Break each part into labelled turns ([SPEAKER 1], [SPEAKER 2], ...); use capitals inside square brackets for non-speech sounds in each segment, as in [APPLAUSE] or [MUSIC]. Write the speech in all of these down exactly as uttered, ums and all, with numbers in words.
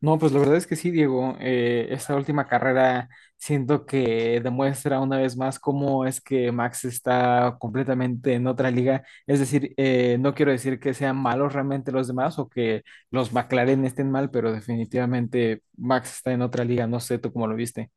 [SPEAKER 1] No, pues la verdad es que sí, Diego. Eh, esta última carrera siento que demuestra una vez más cómo es que Max está completamente en otra liga. Es decir, eh, no quiero decir que sean malos realmente los demás o que los McLaren estén mal, pero definitivamente Max está en otra liga. No sé tú cómo lo viste.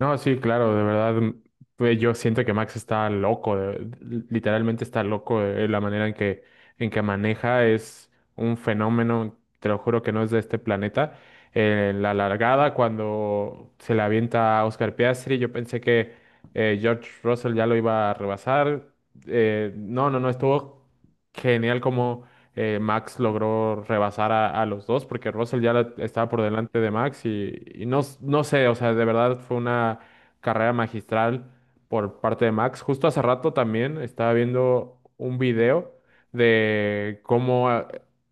[SPEAKER 2] No, sí, claro, de verdad, pues yo siento que Max está loco, de- literalmente está loco de la manera en que, en que maneja, es un fenómeno, te lo juro que no es de este planeta. En la largada, cuando se le avienta a Oscar Piastri, yo pensé que eh, George Russell ya lo iba a rebasar. Eh, no, no, no, estuvo genial como eh, Max logró rebasar a, a los dos porque Russell ya la- estaba por delante de Max y, y no, s- no sé, o sea, de verdad fue una carrera magistral por parte de Max. Justo hace rato también estaba viendo un video de cómo ah,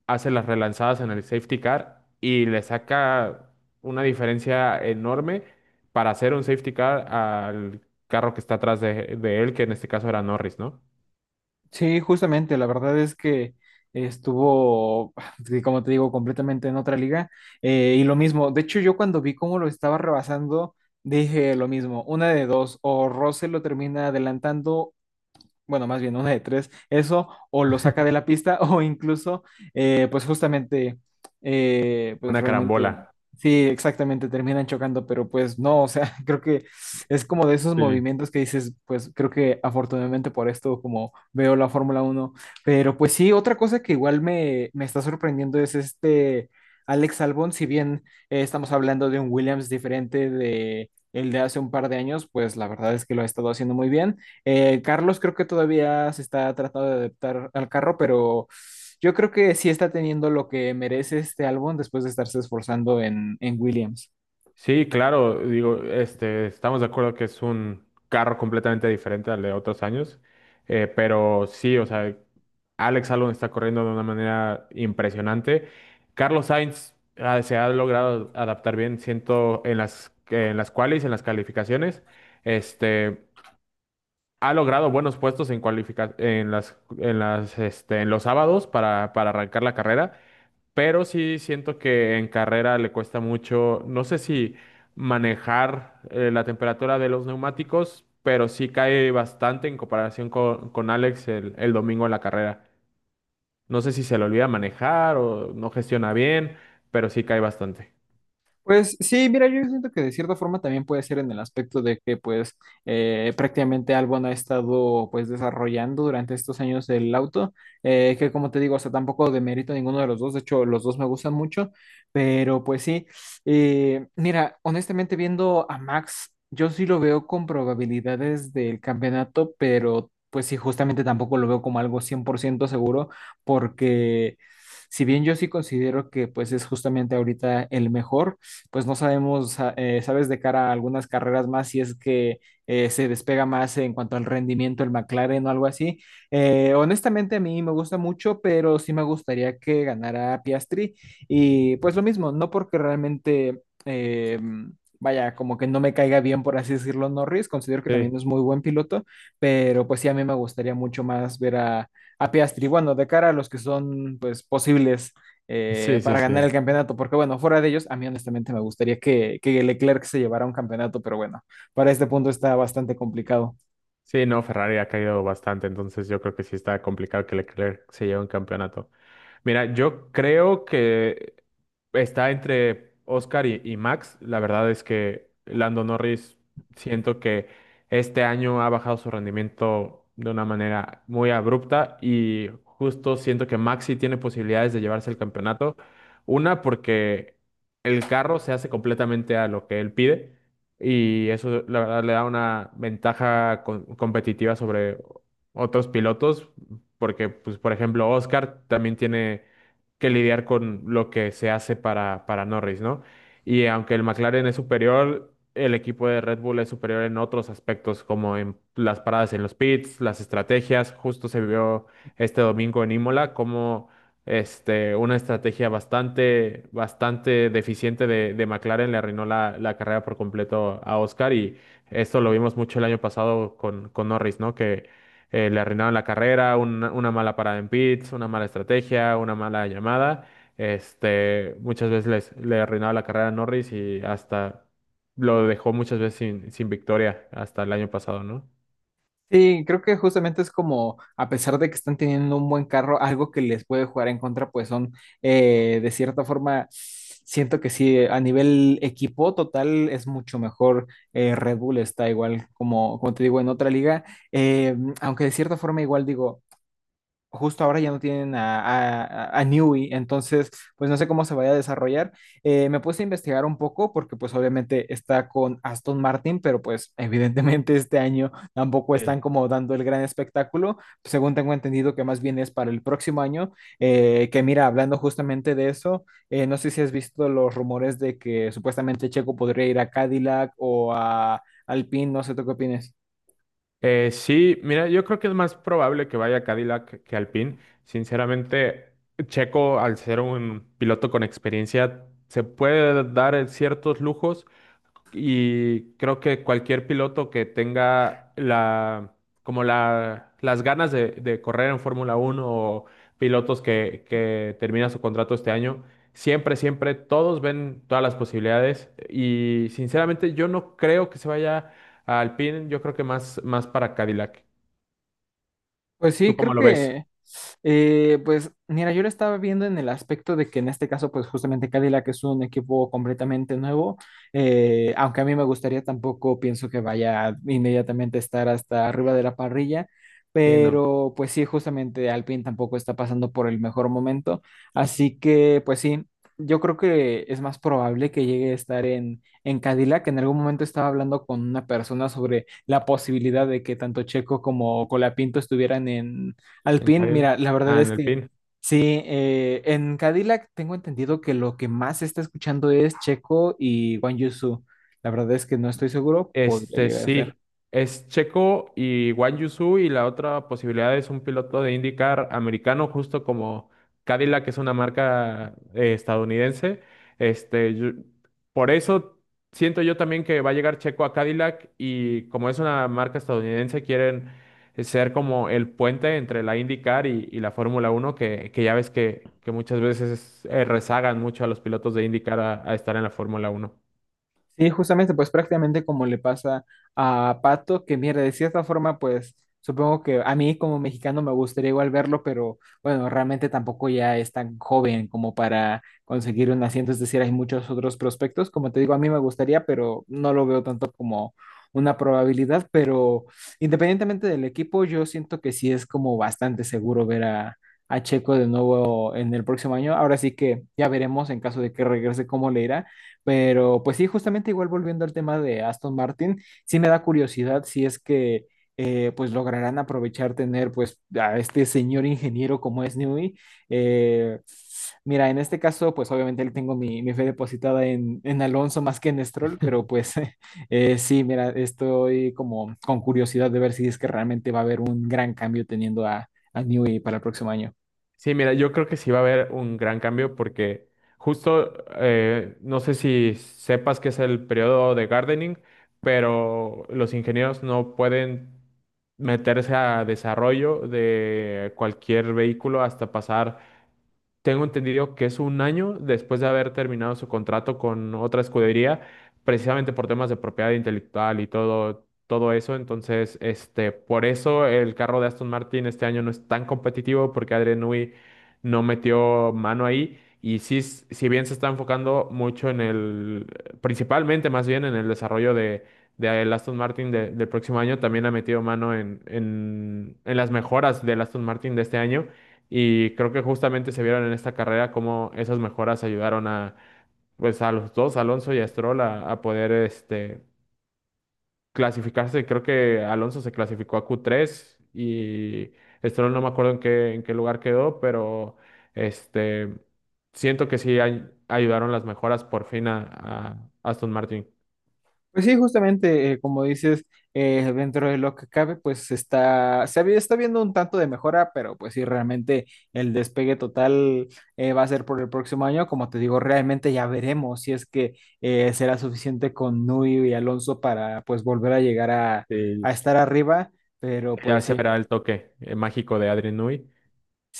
[SPEAKER 2] hace las relanzadas en el safety car y le saca una diferencia enorme para hacer un safety car al carro que está atrás de, de él, que en este caso era Norris, ¿no?
[SPEAKER 1] Sí, justamente, la verdad es que estuvo, [SIGHS] sí, como te digo, completamente en otra liga. Eh, y lo mismo, de hecho yo cuando vi cómo lo estaba rebasando, dije lo mismo, una de dos, o Russell lo termina adelantando, bueno, más bien una de tres, eso o lo saca de la pista [LAUGHS] o incluso, eh, pues justamente, eh, pues
[SPEAKER 2] Una
[SPEAKER 1] realmente,
[SPEAKER 2] carambola.
[SPEAKER 1] sí, exactamente, terminan chocando, pero pues no, o sea, [LAUGHS] creo que es como de esos
[SPEAKER 2] Sí.
[SPEAKER 1] movimientos que dices, pues creo que afortunadamente por esto, como veo la Fórmula uno. Pero pues sí, otra cosa que igual me, me está sorprendiendo es este Alex Albon. Si bien eh, estamos hablando de un Williams diferente de El de hace un par de años, pues la verdad es que lo ha estado haciendo muy bien. Eh, Carlos creo que todavía se está tratando de adaptar al carro, pero yo creo que sí está teniendo lo que merece este álbum después de estarse esforzando en, en Williams.
[SPEAKER 2] Sí, claro, digo, este, estamos de acuerdo que es un carro completamente diferente al de otros años, eh, pero sí, o sea, Alex Albon está corriendo de una manera impresionante. Carlos Sainz ah, se ha logrado adaptar bien, siento, en las, en las qualis, en las calificaciones, este, ha logrado buenos puestos en cualifica- en las, en las, este, en los sábados para, para arrancar la carrera. Pero sí siento que en carrera le cuesta mucho, no sé si manejar eh, la temperatura de los neumáticos, pero sí cae bastante en comparación con, con Alex el, el domingo en la carrera. No sé si se le olvida manejar o no gestiona bien, pero sí cae bastante.
[SPEAKER 1] Pues sí, mira, yo siento que de cierta forma también puede ser en el aspecto de que pues eh, prácticamente Albon ha estado pues desarrollando durante estos años el auto, eh, que como te digo, o sea, tampoco demerito a ninguno de los dos, de hecho los dos me gustan mucho, pero pues sí, eh, mira, honestamente viendo a Max, yo sí lo veo con probabilidades del campeonato, pero pues sí, justamente tampoco lo veo como algo cien por ciento seguro porque Si bien yo sí considero que pues es justamente ahorita el mejor, pues no sabemos, ah, eh, sabes, de cara a algunas carreras más, si es que eh, se despega más en cuanto al rendimiento el McLaren o algo así. Eh, honestamente, a mí me gusta mucho, pero sí me gustaría que ganara Piastri. Y pues lo mismo, no porque realmente eh, vaya, como que no me caiga bien, por así decirlo, Norris. Considero que
[SPEAKER 2] Sí,
[SPEAKER 1] también es muy buen piloto, pero pues sí, a mí me gustaría mucho más ver a, a Piastri. Bueno, de cara a los que son, pues, posibles eh,
[SPEAKER 2] sí, sí,
[SPEAKER 1] para ganar
[SPEAKER 2] sí.
[SPEAKER 1] el campeonato, porque bueno, fuera de ellos, a mí honestamente me gustaría que, que Leclerc se llevara un campeonato, pero bueno, para este punto está bastante complicado.
[SPEAKER 2] Sí, no, Ferrari ha caído bastante, entonces yo creo que sí está complicado que Leclerc se lleve un campeonato. Mira, yo creo que está entre Oscar y, y Max. La verdad es que Lando Norris siento que este año ha bajado su rendimiento de una manera muy abrupta y justo siento que Max sí tiene posibilidades de llevarse el campeonato. Una, porque el carro se hace completamente a lo que él pide y eso la verdad le da una ventaja con- competitiva sobre otros pilotos porque, pues, por ejemplo, Oscar también tiene que lidiar con lo que se hace para, para Norris, ¿no? Y aunque el McLaren es superior, el equipo de Red Bull es superior en otros aspectos, como en las paradas en los pits, las estrategias. Justo se vio este domingo en Imola como este, una estrategia bastante, bastante deficiente de, de McLaren le arruinó la, la carrera por completo a Oscar y esto lo vimos mucho el año pasado con, con Norris, ¿no? eh, le arruinaron la carrera, una, una mala parada en pits, una mala estrategia, una mala llamada. Este, muchas veces les- le arruinaba la carrera a Norris y hasta lo dejó muchas veces sin, sin victoria hasta el año pasado, ¿no?
[SPEAKER 1] Sí, creo que justamente es como, a pesar de que están teniendo un buen carro, algo que les puede jugar en contra, pues son, eh, de cierta forma, siento que sí, a nivel equipo total es mucho mejor. eh, Red Bull está igual, como, como te digo, en otra liga, eh, aunque de cierta forma igual digo, justo ahora ya no tienen a, a, a Newey, entonces pues no sé cómo se vaya a desarrollar. Eh, me puse a investigar un poco porque pues obviamente está con Aston Martin, pero pues evidentemente [LAUGHS] este año tampoco
[SPEAKER 2] Sí.
[SPEAKER 1] están como dando el gran espectáculo, según tengo entendido que más bien es para el próximo año, eh, que mira, hablando justamente de eso, eh, no sé si has visto los rumores de que supuestamente Checo podría ir a Cadillac o a Alpine, no sé, ¿tú qué opinas?
[SPEAKER 2] Eh, sí, mira, yo creo que es más probable que vaya Cadillac que Alpine. Sinceramente, Checo, al ser un piloto con experiencia, se puede dar ciertos lujos. Y creo que cualquier piloto que tenga la, como la, las ganas de, de correr en Fórmula Uno o pilotos que, que termina su contrato este año, siempre, siempre todos ven todas las posibilidades. Y sinceramente yo no creo que se vaya a Alpine, yo creo que más, más para Cadillac.
[SPEAKER 1] Pues
[SPEAKER 2] ¿Tú
[SPEAKER 1] sí,
[SPEAKER 2] cómo
[SPEAKER 1] creo
[SPEAKER 2] lo ves?
[SPEAKER 1] que Eh, pues mira, yo lo estaba viendo en el aspecto de que en este caso, pues justamente Cadillac es un equipo completamente nuevo, eh, aunque a mí me gustaría tampoco, pienso que vaya inmediatamente a estar hasta arriba de la parrilla,
[SPEAKER 2] Sí, no,
[SPEAKER 1] pero pues sí, justamente Alpine tampoco está pasando por el mejor momento, así que pues sí, yo creo que es más probable que llegue a estar en, en Cadillac. En algún momento estaba hablando con una persona sobre la posibilidad de que tanto Checo como Colapinto estuvieran en
[SPEAKER 2] en
[SPEAKER 1] Alpine,
[SPEAKER 2] Cadillac.
[SPEAKER 1] mira, la verdad
[SPEAKER 2] Ah, en
[SPEAKER 1] es que
[SPEAKER 2] Alpine.
[SPEAKER 1] sí, eh, en Cadillac tengo entendido que lo que más se está escuchando es Checo y Guan Yu Zhou. La verdad es que no estoy seguro, podría
[SPEAKER 2] Este
[SPEAKER 1] llegar a ser.
[SPEAKER 2] sí, es Checo y Guan Yu Zhou, y la otra posibilidad es un piloto de IndyCar americano, justo como Cadillac, que es una marca eh, estadounidense. Este, yo- por eso siento yo también que va a llegar Checo a Cadillac y como es una marca estadounidense, quieren ser como el puente entre la IndyCar y, y la Fórmula Uno que, que ya ves que, que muchas veces eh, rezagan mucho a los pilotos de IndyCar a, a estar en la Fórmula Uno.
[SPEAKER 1] Sí, justamente, pues prácticamente como le pasa a Pato, que mira, de cierta forma, pues supongo que a mí como mexicano me gustaría igual verlo, pero bueno, realmente tampoco ya es tan joven como para conseguir un asiento, es decir, hay muchos otros prospectos, como te digo, a mí me gustaría, pero no lo veo tanto como una probabilidad, pero independientemente del equipo, yo siento que sí es como bastante seguro ver a, a Checo de nuevo en el próximo año, ahora sí que ya veremos en caso de que regrese cómo le irá. Pero pues sí, justamente igual volviendo al tema de Aston Martin, sí me da curiosidad si es que eh, pues lograrán aprovechar tener pues a este señor ingeniero como es Newey. Eh, Mira, en este caso pues obviamente él tengo mi, mi fe depositada en, en Alonso más que en Stroll, pero pues [LAUGHS] eh, sí, mira, estoy como con curiosidad de ver si es que realmente va a haber un gran cambio teniendo a, a Newey para el próximo año.
[SPEAKER 2] Sí, mira, yo creo que sí va a haber un gran cambio porque justo, eh, no sé si sepas que es el periodo de gardening, pero los ingenieros no pueden meterse a desarrollo de cualquier vehículo hasta pasar tengo entendido que es un año después de haber terminado su contrato con otra escudería, precisamente por temas de propiedad intelectual y todo, todo eso. Entonces, este, por eso el carro de Aston Martin este año no es tan competitivo porque Adrian Newey no metió mano ahí. Y sí, s- si bien se está enfocando mucho en el, principalmente más bien en el desarrollo de, de el Aston Martin de- del próximo año, también ha metido mano en, en, en las mejoras del Aston Martin de este año. Y creo que justamente se vieron en esta carrera cómo esas mejoras ayudaron a, pues, a los dos, Alonso y a Stroll, a, a poder este, clasificarse. Creo que Alonso se clasificó a Q tres y Stroll no me acuerdo en qué, en qué lugar quedó, pero este, siento que sí ay- ayudaron las mejoras por fin a, a Aston Martin.
[SPEAKER 1] Pues sí, justamente, eh, como dices, eh, dentro de lo que cabe, pues está, se había- está viendo un tanto de mejora, pero pues sí, realmente el despegue total eh, va a ser por el próximo año. Como te digo, realmente ya veremos si es que eh, será suficiente con Nui y Alonso para pues volver a llegar a,
[SPEAKER 2] Y
[SPEAKER 1] a estar arriba, pero
[SPEAKER 2] ya
[SPEAKER 1] pues
[SPEAKER 2] se
[SPEAKER 1] sí,
[SPEAKER 2] verá el toque eh, mágico de Adrian Newey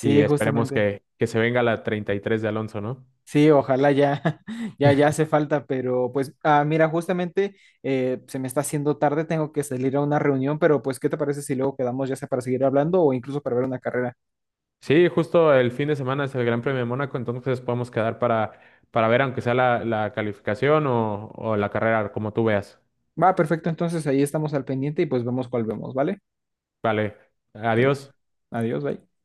[SPEAKER 2] y esperemos
[SPEAKER 1] justamente.
[SPEAKER 2] que, que se venga la treinta y tres de Alonso, ¿no?
[SPEAKER 1] Sí, ojalá ya, [LAUGHS] ya, ya hace falta, pero pues, ah, mira, justamente eh, se me está haciendo tarde, tengo que salir a una reunión, pero pues, ¿qué te parece si luego quedamos ya sea para seguir hablando o incluso para ver una carrera?
[SPEAKER 2] Sí, justo el fin de semana es el Gran Premio de Mónaco, entonces podemos quedar para, para ver, aunque sea la, la calificación o, o la carrera, como tú veas.
[SPEAKER 1] Va, perfecto, entonces ahí estamos al pendiente y pues vemos cuál vemos, ¿vale?
[SPEAKER 2] Vale,
[SPEAKER 1] Dale,
[SPEAKER 2] adiós.
[SPEAKER 1] adiós, bye.